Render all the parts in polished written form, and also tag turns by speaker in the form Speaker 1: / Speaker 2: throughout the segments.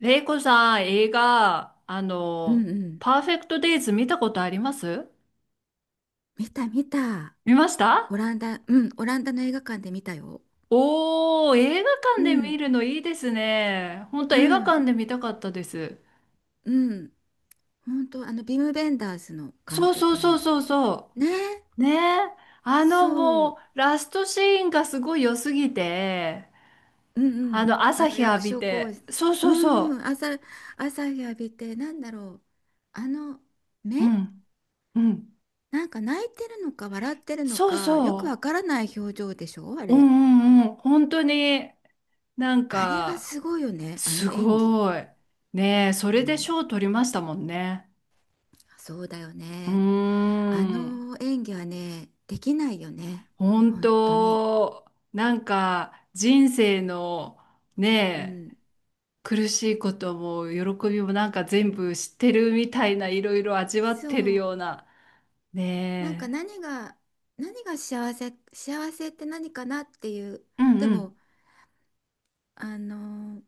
Speaker 1: レイコさん、映画、
Speaker 2: うんうん。
Speaker 1: パーフェクトデイズ見たことあります
Speaker 2: 見た見た。
Speaker 1: 見ました
Speaker 2: オランダ、うん、オランダの映画館で見たよ。
Speaker 1: おー、映画
Speaker 2: う
Speaker 1: 館で見
Speaker 2: ん、
Speaker 1: るのいいですね。本当
Speaker 2: う
Speaker 1: 映画
Speaker 2: ん、
Speaker 1: 館で見たかったです。
Speaker 2: うん。本当、ビム・ベンダースの監
Speaker 1: そうそう
Speaker 2: 督
Speaker 1: そう
Speaker 2: の。
Speaker 1: そうそ
Speaker 2: ね、
Speaker 1: う。ねえ。あの
Speaker 2: そ
Speaker 1: もう、
Speaker 2: う。
Speaker 1: ラストシーンがすごい良すぎて、
Speaker 2: うんうん。
Speaker 1: 朝日浴
Speaker 2: 役
Speaker 1: び
Speaker 2: 所広
Speaker 1: て。
Speaker 2: 司。
Speaker 1: そう
Speaker 2: う
Speaker 1: そう
Speaker 2: んう
Speaker 1: そ
Speaker 2: ん。朝日浴びて、なんだろう。あの、
Speaker 1: う。う
Speaker 2: 目
Speaker 1: ん、うん。
Speaker 2: なんか泣いてるのか、笑ってるの
Speaker 1: そう
Speaker 2: か、よくわ
Speaker 1: そ
Speaker 2: からない表情でしょ、あ
Speaker 1: う。う
Speaker 2: れ。
Speaker 1: んうんうん。本当に。なん
Speaker 2: あれが
Speaker 1: か、
Speaker 2: すごいよね。あ
Speaker 1: す
Speaker 2: の演技。
Speaker 1: ごい。ねえ、そ
Speaker 2: う
Speaker 1: れで
Speaker 2: ん。
Speaker 1: 賞取りましたもんね。
Speaker 2: そうだよ
Speaker 1: うー
Speaker 2: ね。あ
Speaker 1: ん。
Speaker 2: の演技はね、できないよね。
Speaker 1: 本
Speaker 2: 本当に。
Speaker 1: 当、なんか人生の
Speaker 2: う
Speaker 1: ねえ、
Speaker 2: ん。
Speaker 1: 苦しいことも喜びもなんか全部知ってるみたいないろいろ味わっ
Speaker 2: そ
Speaker 1: てる
Speaker 2: う。
Speaker 1: ような。
Speaker 2: なんか
Speaker 1: ね
Speaker 2: 何が、何が幸せ、幸せって何かなっていう。
Speaker 1: え。うん
Speaker 2: で
Speaker 1: う
Speaker 2: も、
Speaker 1: ん
Speaker 2: あの、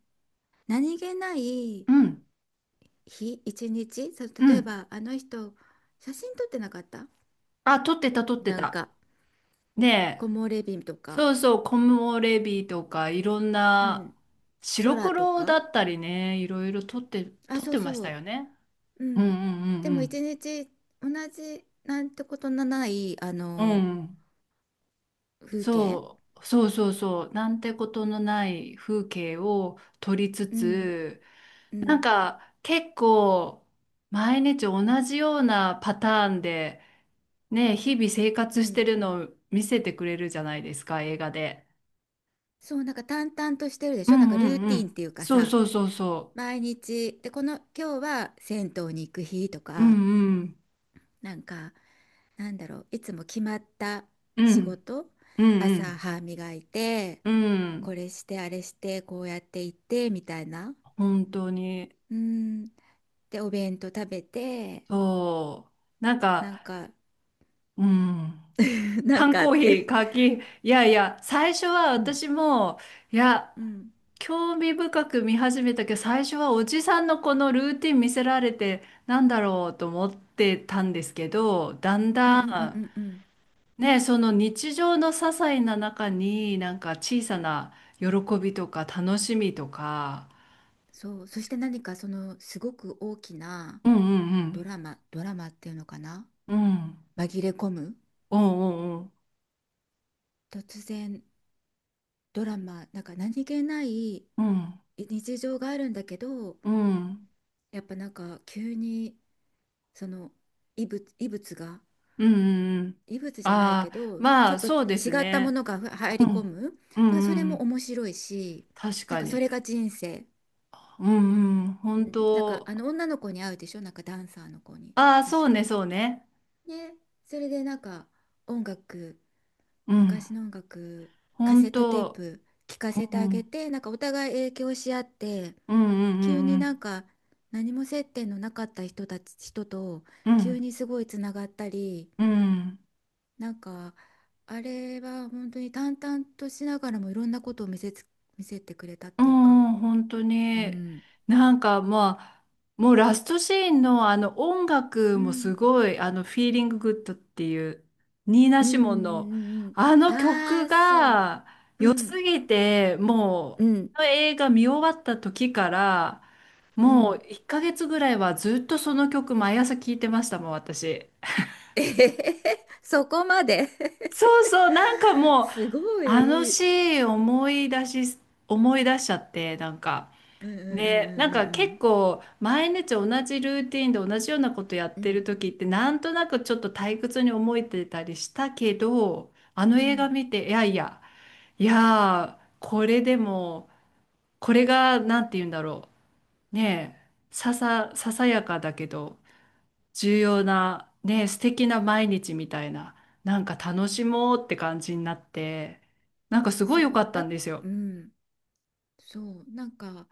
Speaker 2: 何気ない
Speaker 1: うん
Speaker 2: 日、一日、そう、
Speaker 1: う
Speaker 2: 例え
Speaker 1: ん。
Speaker 2: ばあの人、写真撮ってなかった？
Speaker 1: あ、取ってた取って
Speaker 2: なん
Speaker 1: た。
Speaker 2: か、木
Speaker 1: ねえ。
Speaker 2: 漏れ日とか、
Speaker 1: そうそう、コモレビとかいろん
Speaker 2: う
Speaker 1: な
Speaker 2: ん、
Speaker 1: 白
Speaker 2: 空と
Speaker 1: 黒だ
Speaker 2: か。
Speaker 1: ったりね、いろいろ取って、
Speaker 2: あ、
Speaker 1: 取っ
Speaker 2: そう
Speaker 1: てまし
Speaker 2: そ
Speaker 1: た
Speaker 2: う。
Speaker 1: よね。
Speaker 2: う
Speaker 1: うんう
Speaker 2: ん。でも
Speaker 1: ん
Speaker 2: 一日同じなんてことのない、
Speaker 1: うんうん。うん。
Speaker 2: 風景。
Speaker 1: そう、そうそうそう。なんてことのない風景を撮りつ
Speaker 2: うん、
Speaker 1: つ、
Speaker 2: う
Speaker 1: なん
Speaker 2: ん、
Speaker 1: か結構毎日同じようなパターンで、ね、日々生
Speaker 2: う
Speaker 1: 活して
Speaker 2: ん。
Speaker 1: るのを見せてくれるじゃないですか、映画で。
Speaker 2: そう、なんか淡々としてるで
Speaker 1: う
Speaker 2: しょ、なん
Speaker 1: ん
Speaker 2: か
Speaker 1: う
Speaker 2: ルー
Speaker 1: んう
Speaker 2: ティーンっ
Speaker 1: ん。
Speaker 2: ていうか
Speaker 1: そう
Speaker 2: さ、
Speaker 1: そうそうそ
Speaker 2: 毎日、で、この、今日は銭湯に行く日と
Speaker 1: う。う
Speaker 2: か、
Speaker 1: んうん。
Speaker 2: なんか、なんだろう、いつも決まった
Speaker 1: う
Speaker 2: 仕
Speaker 1: ん
Speaker 2: 事。
Speaker 1: う
Speaker 2: 朝
Speaker 1: ん
Speaker 2: 歯磨いて、
Speaker 1: うん。う
Speaker 2: こ
Speaker 1: ん。
Speaker 2: れして、あれして、こうやって行って、みたいな。
Speaker 1: 本当に。
Speaker 2: うん。で、お弁当食べて、
Speaker 1: そう。なん
Speaker 2: なん
Speaker 1: か、
Speaker 2: か、
Speaker 1: うん。
Speaker 2: なん
Speaker 1: 缶
Speaker 2: かあ
Speaker 1: コー
Speaker 2: っ
Speaker 1: ヒー、
Speaker 2: て。
Speaker 1: カキ、いやいや、最初は
Speaker 2: うん
Speaker 1: 私も、いや、
Speaker 2: うん。
Speaker 1: 興味深く見始めたけど、最初はおじさんのこのルーティン見せられて、なんだろうと思ってたんですけど、だん
Speaker 2: うんうんうんう
Speaker 1: だ
Speaker 2: んうん。
Speaker 1: ん、ね、その日常の些細な中に、なんか小さな喜びとか楽しみとか、
Speaker 2: そう。そして何かそのすごく大きな
Speaker 1: うんう
Speaker 2: ド
Speaker 1: ん
Speaker 2: ラマ、ドラマっていうのかな、
Speaker 1: うん、うん、
Speaker 2: 紛れ込む、
Speaker 1: うんうん
Speaker 2: 突然ドラマ、なんか何気ない
Speaker 1: うん、うん、
Speaker 2: 日常があるんだけど、
Speaker 1: うん、うん、
Speaker 2: やっぱなんか急にその異物、異物が、
Speaker 1: うん、うん、
Speaker 2: 異物じゃないけ
Speaker 1: ああ、
Speaker 2: ど、ち
Speaker 1: ま
Speaker 2: ょ
Speaker 1: あ
Speaker 2: っと違
Speaker 1: そうです
Speaker 2: ったも
Speaker 1: ね。
Speaker 2: のが入
Speaker 1: う
Speaker 2: り込
Speaker 1: ん。
Speaker 2: む。
Speaker 1: うんう
Speaker 2: だからそれ
Speaker 1: んう
Speaker 2: も
Speaker 1: ん。
Speaker 2: 面白いし、
Speaker 1: 確
Speaker 2: なん
Speaker 1: か
Speaker 2: かそ
Speaker 1: に。
Speaker 2: れが人生。
Speaker 1: うんうん。本
Speaker 2: うん、なんか
Speaker 1: 当。
Speaker 2: あの女の子に会うでしょ、なんかダンサーの子に。
Speaker 1: ああ、そう
Speaker 2: 確か。
Speaker 1: ね、そうね。
Speaker 2: ね、それでなんか音楽、
Speaker 1: うん。
Speaker 2: 昔の音楽、カセ
Speaker 1: 本
Speaker 2: ットテー
Speaker 1: 当。
Speaker 2: プ聞かせ
Speaker 1: う
Speaker 2: てあげ
Speaker 1: ん。
Speaker 2: て、なんかお互い影響し合って、
Speaker 1: うんう
Speaker 2: 急
Speaker 1: ん
Speaker 2: に
Speaker 1: う
Speaker 2: なん
Speaker 1: ん
Speaker 2: か何も接点のなかった人たち、人と
Speaker 1: う
Speaker 2: 急
Speaker 1: ん。
Speaker 2: にすごいつながったり、
Speaker 1: うん。うん。
Speaker 2: なんかあれは本当に淡々としながらもいろんなことを見せてくれたっ
Speaker 1: う
Speaker 2: ていうか、
Speaker 1: ん本当
Speaker 2: う
Speaker 1: に。
Speaker 2: ん、
Speaker 1: なんかまあ、もうラストシーンのあの音楽
Speaker 2: う
Speaker 1: もす
Speaker 2: ん、
Speaker 1: ごい、フィーリンググッドっていう、ニーナ・
Speaker 2: う
Speaker 1: シモンの、
Speaker 2: ん、うん、
Speaker 1: あの
Speaker 2: あ
Speaker 1: 曲
Speaker 2: あー、そう、
Speaker 1: が
Speaker 2: う
Speaker 1: 良す
Speaker 2: ん、
Speaker 1: ぎて、
Speaker 2: う
Speaker 1: もう、
Speaker 2: ん、
Speaker 1: あの映画見終わった時から、
Speaker 2: う
Speaker 1: もう
Speaker 2: ん。
Speaker 1: 1ヶ月ぐらいはずっとその曲毎朝聴いてましたもん、私。
Speaker 2: えへへへそこまで
Speaker 1: そうそう、なんかもう、
Speaker 2: すご
Speaker 1: あの
Speaker 2: い。うん
Speaker 1: シーン思い出しちゃって、なんか、
Speaker 2: うん
Speaker 1: ね、なんか
Speaker 2: う
Speaker 1: 結
Speaker 2: ん
Speaker 1: 構毎日同じルーティンで同じようなことやっ
Speaker 2: うんうん
Speaker 1: て
Speaker 2: う
Speaker 1: る
Speaker 2: ん
Speaker 1: 時ってなんとなくちょっと退屈に思えてたりしたけど、あの
Speaker 2: うんう
Speaker 1: 映画
Speaker 2: ん。
Speaker 1: 見て、いやいや、いやー、これでも、これが、なんて言うんだろう。ねえ、ささやかだけど、重要なね素敵な毎日みたいななんか楽しもうって感じになってなんかすごい良
Speaker 2: そ
Speaker 1: か
Speaker 2: う
Speaker 1: った
Speaker 2: だ。
Speaker 1: んですよ
Speaker 2: うん。そう、なんか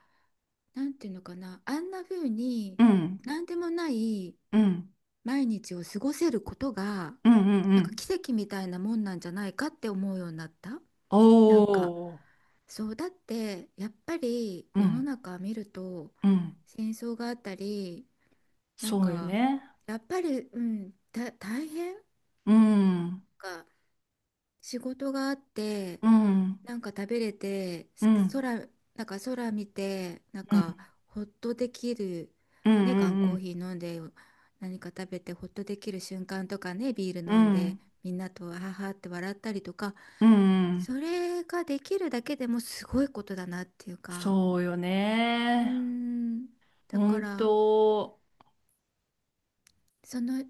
Speaker 2: なんていうのかな、あんな風に
Speaker 1: うん
Speaker 2: 何でもない
Speaker 1: うん
Speaker 2: 毎日を過ごせることが
Speaker 1: うんうんう
Speaker 2: なんか
Speaker 1: ん
Speaker 2: 奇跡みたいなもんなんじゃないかって思うようになった。
Speaker 1: お
Speaker 2: なんか
Speaker 1: う
Speaker 2: そうだって、やっぱり
Speaker 1: う
Speaker 2: 世の
Speaker 1: ん
Speaker 2: 中見ると
Speaker 1: うん
Speaker 2: 戦争があったり、なん
Speaker 1: そうよ
Speaker 2: か
Speaker 1: ね
Speaker 2: やっぱり、うん、大変
Speaker 1: うん
Speaker 2: か仕事があって、
Speaker 1: うん
Speaker 2: なんか食べれて
Speaker 1: うんうん
Speaker 2: 空、なんか空見て、なん
Speaker 1: うん
Speaker 2: かほっとできる、
Speaker 1: う
Speaker 2: ね、缶コー
Speaker 1: ん
Speaker 2: ヒー飲んで、何か食べてほっとできる瞬間とかね、ビール
Speaker 1: う
Speaker 2: 飲
Speaker 1: ん
Speaker 2: ん
Speaker 1: う
Speaker 2: で、
Speaker 1: ん
Speaker 2: みんなとはははって笑ったりとか、
Speaker 1: うんう
Speaker 2: そ
Speaker 1: ん
Speaker 2: れができるだけでもすごいことだなっていうか。
Speaker 1: そうよ
Speaker 2: うー
Speaker 1: ね
Speaker 2: ん。だか
Speaker 1: 本
Speaker 2: ら、
Speaker 1: 当
Speaker 2: その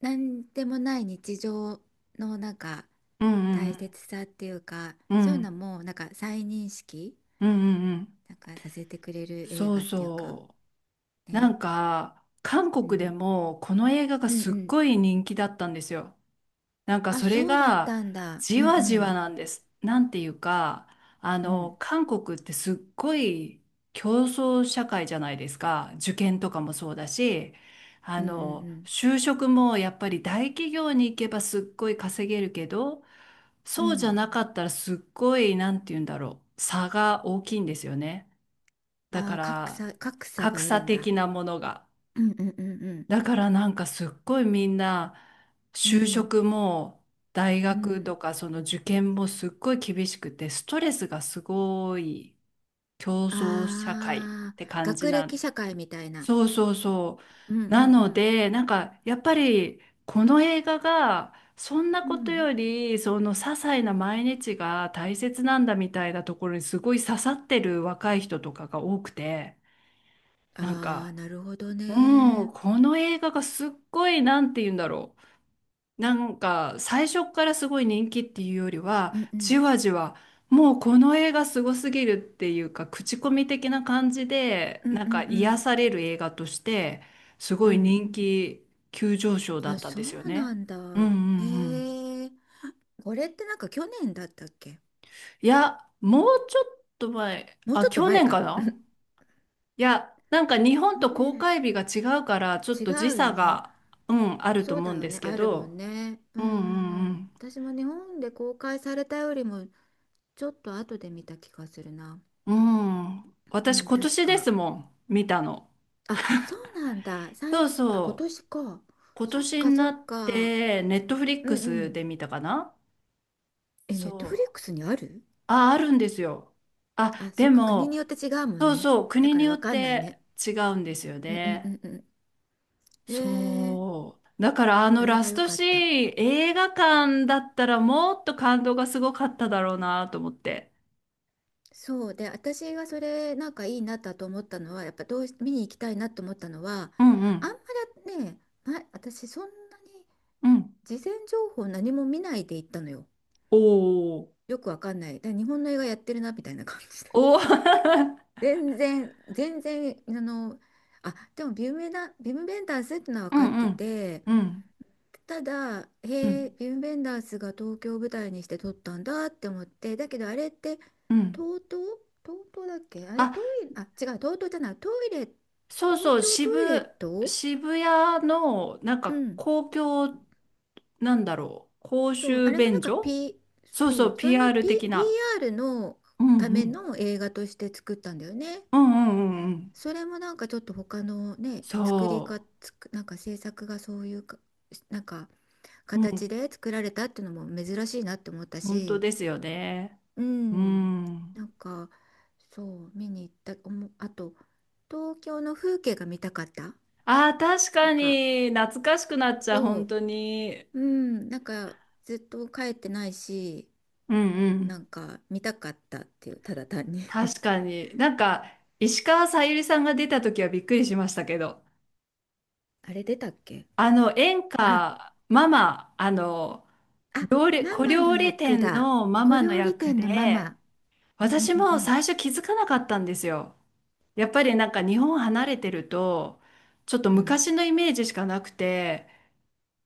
Speaker 2: 何でもない日常のなんか
Speaker 1: うんう
Speaker 2: 大
Speaker 1: ん
Speaker 2: 切さっていうか、
Speaker 1: う
Speaker 2: そういうの
Speaker 1: ん
Speaker 2: もなんか再認識
Speaker 1: うんうんうんうん
Speaker 2: なんかさせてくれる映
Speaker 1: そう
Speaker 2: 画っていうか。
Speaker 1: そう。な
Speaker 2: ね。
Speaker 1: んか、韓
Speaker 2: う
Speaker 1: 国で
Speaker 2: ん。
Speaker 1: もこの映画が
Speaker 2: うん
Speaker 1: す
Speaker 2: う
Speaker 1: っ
Speaker 2: ん。
Speaker 1: ごい人気だったんですよ。なんか
Speaker 2: あ、
Speaker 1: それ
Speaker 2: そうだっ
Speaker 1: が
Speaker 2: たんだ。う
Speaker 1: じ
Speaker 2: んう
Speaker 1: わじわ
Speaker 2: ん
Speaker 1: なんです。なんていうか、
Speaker 2: うん
Speaker 1: 韓国ってすっごい競争社会じゃないですか。受験とかもそうだし、
Speaker 2: うんうん
Speaker 1: 就職もやっぱり大企業に行けばすっごい稼げるけど、
Speaker 2: うんう
Speaker 1: そうじゃ
Speaker 2: ん。
Speaker 1: なかったらすっごい、なんて言うんだろう、差が大きいんですよね。だ
Speaker 2: あ
Speaker 1: か
Speaker 2: ー格
Speaker 1: ら、
Speaker 2: 差、格差
Speaker 1: 格
Speaker 2: があ
Speaker 1: 差
Speaker 2: るんだ。
Speaker 1: 的なものが。
Speaker 2: うんうんうんうん
Speaker 1: だからなんかすっごいみんな
Speaker 2: う
Speaker 1: 就
Speaker 2: ん
Speaker 1: 職も大
Speaker 2: う
Speaker 1: 学
Speaker 2: ん。
Speaker 1: とかその受験もすっごい厳しくてストレスがすごい競争社会
Speaker 2: あ
Speaker 1: っ
Speaker 2: ー
Speaker 1: て感じ
Speaker 2: 学
Speaker 1: な
Speaker 2: 歴
Speaker 1: ん
Speaker 2: 社会みたいな。
Speaker 1: そうそうそ
Speaker 2: うんう
Speaker 1: うな
Speaker 2: んう
Speaker 1: の
Speaker 2: ん
Speaker 1: でなんかやっぱりこの映画がそんな
Speaker 2: う
Speaker 1: こと
Speaker 2: ん。
Speaker 1: よりその些細な毎日が大切なんだみたいなところにすごい刺さってる若い人とかが多くてなん
Speaker 2: ああー、
Speaker 1: か
Speaker 2: なるほど
Speaker 1: も
Speaker 2: ね。
Speaker 1: う、この映画がすっごい、なんて言うんだろう。なんか、最初からすごい人気っていうよりは、
Speaker 2: うんう
Speaker 1: じ
Speaker 2: ん。
Speaker 1: わじわ、もうこの映画すごすぎるっていうか、口コミ的な感じで、
Speaker 2: うん
Speaker 1: なん
Speaker 2: う
Speaker 1: か
Speaker 2: んう
Speaker 1: 癒
Speaker 2: ん
Speaker 1: される映画として、す
Speaker 2: う
Speaker 1: ごい
Speaker 2: ん。
Speaker 1: 人気急上昇だっ
Speaker 2: あ、
Speaker 1: たん
Speaker 2: そ
Speaker 1: ですよ
Speaker 2: うな
Speaker 1: ね。
Speaker 2: ん
Speaker 1: うんうん
Speaker 2: だ。へ
Speaker 1: うん。
Speaker 2: え。これってなんか去年だったっけ？
Speaker 1: いや、もうちょっと前、
Speaker 2: もう
Speaker 1: あ、
Speaker 2: ちょっと
Speaker 1: 去
Speaker 2: 前
Speaker 1: 年か
Speaker 2: か。
Speaker 1: ないや、なんか日本
Speaker 2: 去
Speaker 1: と公
Speaker 2: 年。
Speaker 1: 開日が違うから、ちょっ
Speaker 2: 違
Speaker 1: と時
Speaker 2: うよ
Speaker 1: 差
Speaker 2: ね。
Speaker 1: が、うん、あると
Speaker 2: そう
Speaker 1: 思
Speaker 2: だ
Speaker 1: うん
Speaker 2: よ
Speaker 1: で
Speaker 2: ね。
Speaker 1: すけ
Speaker 2: あるも
Speaker 1: ど、
Speaker 2: んね。う
Speaker 1: う
Speaker 2: んう
Speaker 1: ん
Speaker 2: ん
Speaker 1: う
Speaker 2: うん。
Speaker 1: ん
Speaker 2: 私も日本で公開されたよりもちょっと後で見た気がするな。
Speaker 1: うん。うん。
Speaker 2: う
Speaker 1: 私
Speaker 2: ん、
Speaker 1: 今
Speaker 2: 確
Speaker 1: 年で
Speaker 2: か。
Speaker 1: すもん、見たの。
Speaker 2: あ、そうなんだ。
Speaker 1: そう
Speaker 2: あ、今
Speaker 1: そう。
Speaker 2: 年か。
Speaker 1: 今
Speaker 2: そっ
Speaker 1: 年
Speaker 2: か
Speaker 1: に
Speaker 2: そ
Speaker 1: な
Speaker 2: っ
Speaker 1: っ
Speaker 2: か。
Speaker 1: て、ネットフリッ
Speaker 2: う
Speaker 1: ク
Speaker 2: んう
Speaker 1: ス
Speaker 2: ん。
Speaker 1: で見たかな
Speaker 2: え、ネ
Speaker 1: そ
Speaker 2: ットフリッ
Speaker 1: う。
Speaker 2: クスにある？
Speaker 1: あ、あるんですよ。
Speaker 2: あ、
Speaker 1: あ、
Speaker 2: そ
Speaker 1: で
Speaker 2: っか、国
Speaker 1: も、
Speaker 2: によって違うもん
Speaker 1: そう
Speaker 2: ね。
Speaker 1: そう、
Speaker 2: だ
Speaker 1: 国
Speaker 2: か
Speaker 1: に
Speaker 2: ら
Speaker 1: よ
Speaker 2: わ
Speaker 1: っ
Speaker 2: かんないね。
Speaker 1: て違うんですよ
Speaker 2: うんうんう
Speaker 1: ね。
Speaker 2: んうん。で、
Speaker 1: そう。だからあの
Speaker 2: あれ
Speaker 1: ラ
Speaker 2: は
Speaker 1: ス
Speaker 2: 良
Speaker 1: ト
Speaker 2: かっ
Speaker 1: シ
Speaker 2: た。
Speaker 1: ーン、映画館だったらもっと感動がすごかっただろうなと思って。
Speaker 2: そうで、私がそれなんかいいなと思ったのは、やっぱどうし見に行きたいなと思ったのは、
Speaker 1: うんう
Speaker 2: あん
Speaker 1: ん。
Speaker 2: まりね、ま、私そんなに
Speaker 1: うん。
Speaker 2: 事前情報何も見ないで行ったのよ。
Speaker 1: おー。
Speaker 2: よくわかんない。だから日本の映画やってるなみたいな感じで。
Speaker 1: おー。
Speaker 2: 全然、全然、あ、でもビムベンダンスってのは分
Speaker 1: う
Speaker 2: かっ
Speaker 1: ん
Speaker 2: て
Speaker 1: うん。
Speaker 2: て、
Speaker 1: うん。
Speaker 2: ただ、
Speaker 1: う
Speaker 2: へえ、
Speaker 1: ん
Speaker 2: ヴム・ベンダースが東京を舞台にして撮ったんだって思って、だけどあれって、
Speaker 1: うん
Speaker 2: 東東東東だっけ、あれ、
Speaker 1: あ、
Speaker 2: トイレ、あ、違う、東東じゃない、トイレ、
Speaker 1: そう
Speaker 2: 公
Speaker 1: そう、
Speaker 2: 共
Speaker 1: 渋、
Speaker 2: トイレット、
Speaker 1: 渋谷の、なん
Speaker 2: う
Speaker 1: か
Speaker 2: ん、
Speaker 1: 公共、なんだろう、公
Speaker 2: そう、あ
Speaker 1: 衆
Speaker 2: れのなん
Speaker 1: 便
Speaker 2: か
Speaker 1: 所
Speaker 2: P、
Speaker 1: そうそ
Speaker 2: そう、
Speaker 1: う、
Speaker 2: それの
Speaker 1: PR
Speaker 2: P、
Speaker 1: 的
Speaker 2: ピー
Speaker 1: な。
Speaker 2: r の
Speaker 1: うん
Speaker 2: た
Speaker 1: う
Speaker 2: め
Speaker 1: ん。
Speaker 2: の映画として作ったんだよね。
Speaker 1: うんうんうんうん。
Speaker 2: それもなんかちょっと他のね、作りか、
Speaker 1: そ
Speaker 2: つく、なんか制作がそういうか、なんか
Speaker 1: う。う
Speaker 2: 形
Speaker 1: ん、
Speaker 2: で作られたっていうのも珍しいなって思った
Speaker 1: 本当
Speaker 2: し、
Speaker 1: ですよね。
Speaker 2: う
Speaker 1: う
Speaker 2: ん、
Speaker 1: ん。
Speaker 2: なんかそう見に行ったおもあと、東京の風景が見たかった。
Speaker 1: ああ、確
Speaker 2: な
Speaker 1: か
Speaker 2: んか
Speaker 1: に、懐かしくなっちゃう、
Speaker 2: そ
Speaker 1: 本当に。
Speaker 2: う、うん、なんかずっと帰ってないし、
Speaker 1: うんう
Speaker 2: な
Speaker 1: ん。
Speaker 2: んか見たかったっていう、ただ単に。
Speaker 1: 確かに。なんか、石川さゆりさんが出た時はびっくりしましたけど。
Speaker 2: あれ出たっけ？
Speaker 1: 演
Speaker 2: あ
Speaker 1: 歌、ママ、
Speaker 2: あ、
Speaker 1: 料理、
Speaker 2: マ
Speaker 1: 小
Speaker 2: マの
Speaker 1: 料理
Speaker 2: 役
Speaker 1: 店
Speaker 2: だ。
Speaker 1: のマ
Speaker 2: 小
Speaker 1: マの
Speaker 2: 料理
Speaker 1: 役
Speaker 2: 店のマ
Speaker 1: で、
Speaker 2: マ。うんう
Speaker 1: 私
Speaker 2: んう
Speaker 1: も
Speaker 2: ん
Speaker 1: 最初気づかなかったんですよ。やっぱりなんか日本離れてると、ちょっと
Speaker 2: うん
Speaker 1: 昔のイメージしかなくて、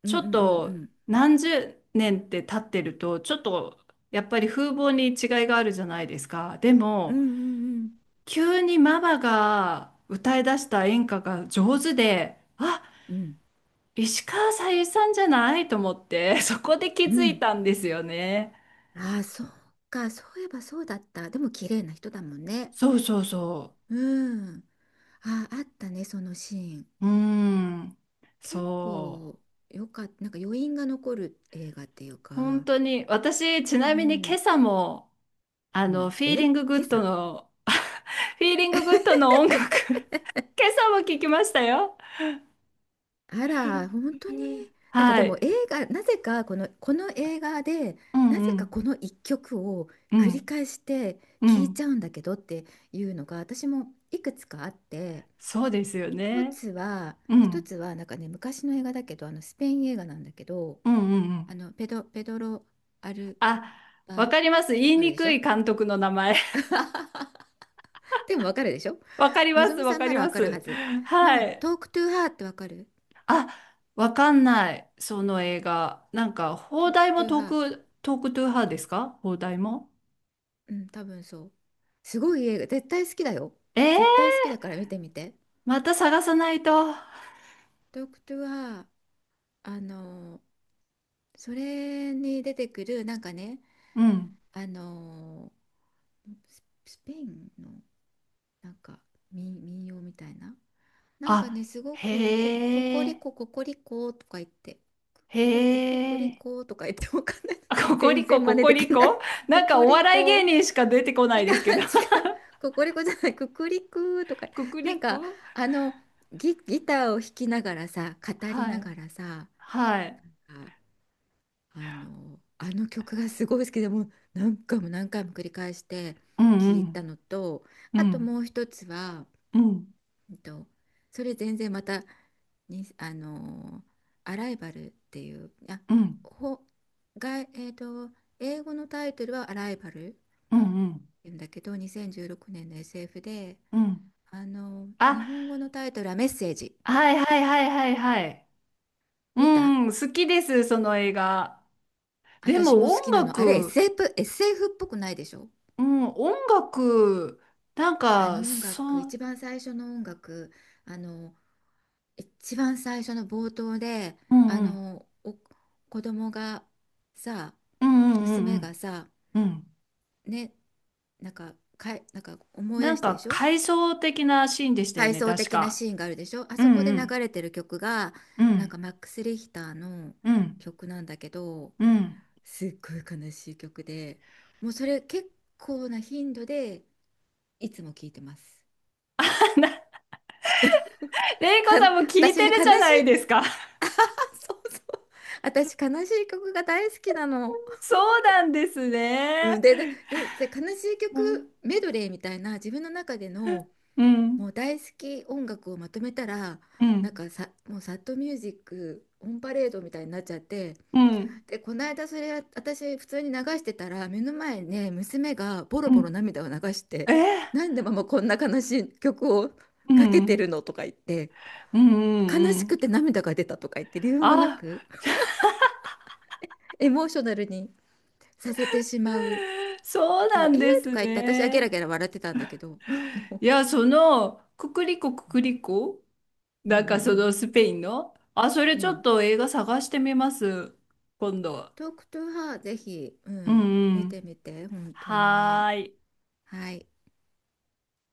Speaker 2: う
Speaker 1: ち
Speaker 2: ん
Speaker 1: ょ
Speaker 2: う
Speaker 1: っ
Speaker 2: んう
Speaker 1: と
Speaker 2: ん
Speaker 1: 何十年って経ってると、ちょっとやっぱり風貌に違いがあるじゃないですか。で
Speaker 2: うん
Speaker 1: も、
Speaker 2: うん
Speaker 1: 急にママが歌い出した演歌が上手で、あ
Speaker 2: うんうんうん
Speaker 1: 石川さゆりさんじゃないと思って、そこで気
Speaker 2: う
Speaker 1: づい
Speaker 2: ん。
Speaker 1: たんですよね。
Speaker 2: ああー、そうか、そういえばそうだった。でも綺麗な人だもんね。
Speaker 1: そうそうそ
Speaker 2: うん。あ、あったね、そのシーン。
Speaker 1: う。うーん。
Speaker 2: 結
Speaker 1: そう。
Speaker 2: 構よかった、なんか余韻が残る映画っていう
Speaker 1: 本
Speaker 2: か、
Speaker 1: 当に、私、ち
Speaker 2: う
Speaker 1: なみに今
Speaker 2: ん、
Speaker 1: 朝も、
Speaker 2: うん、
Speaker 1: フィー
Speaker 2: え、
Speaker 1: リンググ
Speaker 2: 今
Speaker 1: ッド
Speaker 2: 朝？
Speaker 1: の、フィーリンググッドの音楽、今朝も聞きましたよ。
Speaker 2: あら、本当
Speaker 1: う
Speaker 2: に、
Speaker 1: ん
Speaker 2: なんかで
Speaker 1: は
Speaker 2: も
Speaker 1: い。
Speaker 2: 映画、なぜかこの映画で、
Speaker 1: うん
Speaker 2: なぜ
Speaker 1: う
Speaker 2: か
Speaker 1: ん
Speaker 2: この一曲を
Speaker 1: う
Speaker 2: 繰り
Speaker 1: ん
Speaker 2: 返して
Speaker 1: う
Speaker 2: 聴い
Speaker 1: ん
Speaker 2: ちゃうんだけどっていうのが、私もいくつかあって、
Speaker 1: そうですよ
Speaker 2: 一
Speaker 1: ね。
Speaker 2: つは、
Speaker 1: うんう
Speaker 2: 一
Speaker 1: ん
Speaker 2: つは、なんかね、昔の映画だけど、あのスペイン映画なんだけど、
Speaker 1: うんうん。
Speaker 2: ペドロ・アル
Speaker 1: あ、
Speaker 2: バ、
Speaker 1: わかります。
Speaker 2: わ
Speaker 1: 言い
Speaker 2: かる
Speaker 1: に
Speaker 2: でし
Speaker 1: く
Speaker 2: ょ？
Speaker 1: い監督の名前。
Speaker 2: でもわかるでしょ？
Speaker 1: わかり
Speaker 2: の
Speaker 1: ま
Speaker 2: ぞ
Speaker 1: す、
Speaker 2: み
Speaker 1: わ
Speaker 2: さん
Speaker 1: か
Speaker 2: な
Speaker 1: り
Speaker 2: らわ
Speaker 1: ま
Speaker 2: かるは
Speaker 1: す。
Speaker 2: ず
Speaker 1: は
Speaker 2: の
Speaker 1: い。
Speaker 2: 「トークトゥーハー」ってわかる？
Speaker 1: あ、わかんない、その映画。なんか、
Speaker 2: ト
Speaker 1: 邦
Speaker 2: ー
Speaker 1: 題
Speaker 2: クト
Speaker 1: も
Speaker 2: ゥーハ
Speaker 1: トー
Speaker 2: ー。
Speaker 1: ク、トークトゥーハーですか邦題も。
Speaker 2: うん、多分そう。すごい映画、絶対好きだよ。
Speaker 1: え
Speaker 2: 絶
Speaker 1: ー、
Speaker 2: 対好きだから見てみて。
Speaker 1: また探さないと。
Speaker 2: トークトゥーハー、あのそれに出てくる、なんかね、
Speaker 1: うん。
Speaker 2: あのスペインのなんか民謡みたいな、なんかね、
Speaker 1: あ、
Speaker 2: すごくこ
Speaker 1: へ
Speaker 2: こり
Speaker 1: え、
Speaker 2: こ、ここりこ、とか言って、
Speaker 1: へ
Speaker 2: くくりこ、くくり
Speaker 1: え。
Speaker 2: こ、とか言って、わかんない。
Speaker 1: ココ
Speaker 2: 全
Speaker 1: リコ、
Speaker 2: 然真
Speaker 1: コ
Speaker 2: 似
Speaker 1: コ
Speaker 2: でき
Speaker 1: リ
Speaker 2: ない。
Speaker 1: コ
Speaker 2: こ
Speaker 1: なんか
Speaker 2: く
Speaker 1: お
Speaker 2: り
Speaker 1: 笑い芸
Speaker 2: こ、
Speaker 1: 人しか出てこな
Speaker 2: 違う、違
Speaker 1: いですけど。
Speaker 2: う。こコりこじゃない、くくりくとか、
Speaker 1: ココ
Speaker 2: な
Speaker 1: リ
Speaker 2: んか、
Speaker 1: コ
Speaker 2: あの、ギターを弾きながらさ、語り
Speaker 1: は
Speaker 2: な
Speaker 1: い。
Speaker 2: がらさ、
Speaker 1: はい。
Speaker 2: あ、あの曲がすごい好きで、もう何回も何回も繰り返して
Speaker 1: うんう
Speaker 2: 聞いた
Speaker 1: ん。
Speaker 2: のと、
Speaker 1: う
Speaker 2: あと
Speaker 1: ん
Speaker 2: もう一つは、
Speaker 1: うん。
Speaker 2: うんと、それ全然またに、アライバルっていう、あ、
Speaker 1: うんうん。
Speaker 2: ほ、が、英語のタイトルはアライバルっ
Speaker 1: うん
Speaker 2: ていうんだけど、2016年の SF で、
Speaker 1: うん。あ、
Speaker 2: 日本語のタイトルはメッセージ。
Speaker 1: はいはいはいはいはい。う
Speaker 2: 見た？
Speaker 1: ん、好きです、その映画。で
Speaker 2: 私も
Speaker 1: も
Speaker 2: 好
Speaker 1: 音
Speaker 2: きなの。あれ
Speaker 1: 楽、
Speaker 2: SF、SF っぽくないでしょ？
Speaker 1: うん、音楽、なん
Speaker 2: あの
Speaker 1: か、
Speaker 2: 音楽、
Speaker 1: そう、
Speaker 2: 一番最初の音楽、あの一番最初の冒頭で、
Speaker 1: うんうん、
Speaker 2: お子供がさ、
Speaker 1: うんうんう
Speaker 2: 娘が
Speaker 1: ん
Speaker 2: さ、
Speaker 1: うんうん。
Speaker 2: ね、なんか、なんか思い
Speaker 1: な
Speaker 2: 出
Speaker 1: ん
Speaker 2: してで
Speaker 1: か、
Speaker 2: しょ？
Speaker 1: 回想的なシーンでしたよ
Speaker 2: 回
Speaker 1: ね、
Speaker 2: 想
Speaker 1: 確
Speaker 2: 的な
Speaker 1: か。
Speaker 2: シーンがあるでしょ？あ
Speaker 1: う
Speaker 2: そ
Speaker 1: ん
Speaker 2: こで
Speaker 1: う
Speaker 2: 流
Speaker 1: ん、
Speaker 2: れてる曲が
Speaker 1: う
Speaker 2: なん
Speaker 1: ん、
Speaker 2: かマックス・リヒターの
Speaker 1: うん、
Speaker 2: 曲なんだけど、
Speaker 1: うん。
Speaker 2: すっごい悲しい曲で、もうそれ結構な頻度でいつも聴いてます。
Speaker 1: レイコ
Speaker 2: か
Speaker 1: さんも聞い
Speaker 2: 私
Speaker 1: て
Speaker 2: ね
Speaker 1: る
Speaker 2: 悲
Speaker 1: じゃ
Speaker 2: し
Speaker 1: ないで
Speaker 2: い、
Speaker 1: すか。
Speaker 2: あ、そうそう。 私悲しい曲が大好きなの。
Speaker 1: そうなんですね。
Speaker 2: うん、で悲しい
Speaker 1: うん、
Speaker 2: 曲メドレーみたいな自分の中での
Speaker 1: うん、
Speaker 2: もう大好き音楽をまとめたら、
Speaker 1: う
Speaker 2: なん
Speaker 1: ん、
Speaker 2: かさ、もうサッドミュージックオンパレードみたいになっちゃって。
Speaker 1: うん、
Speaker 2: で、この間、それ私普通に流してたら、目の前にね、娘がボ
Speaker 1: う
Speaker 2: ロボロ
Speaker 1: ん。
Speaker 2: 涙を流し
Speaker 1: え
Speaker 2: て「なんでママこんな悲しい曲を
Speaker 1: う
Speaker 2: か
Speaker 1: ん、う
Speaker 2: けて
Speaker 1: ん、
Speaker 2: るの?」とか言って、
Speaker 1: うん、
Speaker 2: 悲
Speaker 1: う
Speaker 2: し
Speaker 1: ん。
Speaker 2: くて涙が出たとか言って、理由もな
Speaker 1: あ
Speaker 2: くエモーショナルにさせてしまう。
Speaker 1: そうな
Speaker 2: とえ
Speaker 1: ん
Speaker 2: ー
Speaker 1: で
Speaker 2: と
Speaker 1: す
Speaker 2: か言って、私はゲラ
Speaker 1: ね。
Speaker 2: ゲラ笑ってたんだけど。
Speaker 1: いや、その、ククリコククリコ
Speaker 2: うん
Speaker 1: なん
Speaker 2: う
Speaker 1: かそ
Speaker 2: ん
Speaker 1: のスペインのあ、それ
Speaker 2: うん
Speaker 1: ち
Speaker 2: う
Speaker 1: ょっ
Speaker 2: ん。
Speaker 1: と映画探してみます。今度。
Speaker 2: トークトゥーハーぜひ、う
Speaker 1: う
Speaker 2: ん、
Speaker 1: んう
Speaker 2: 見
Speaker 1: ん。
Speaker 2: てみて、本当に。
Speaker 1: はーい。
Speaker 2: はい。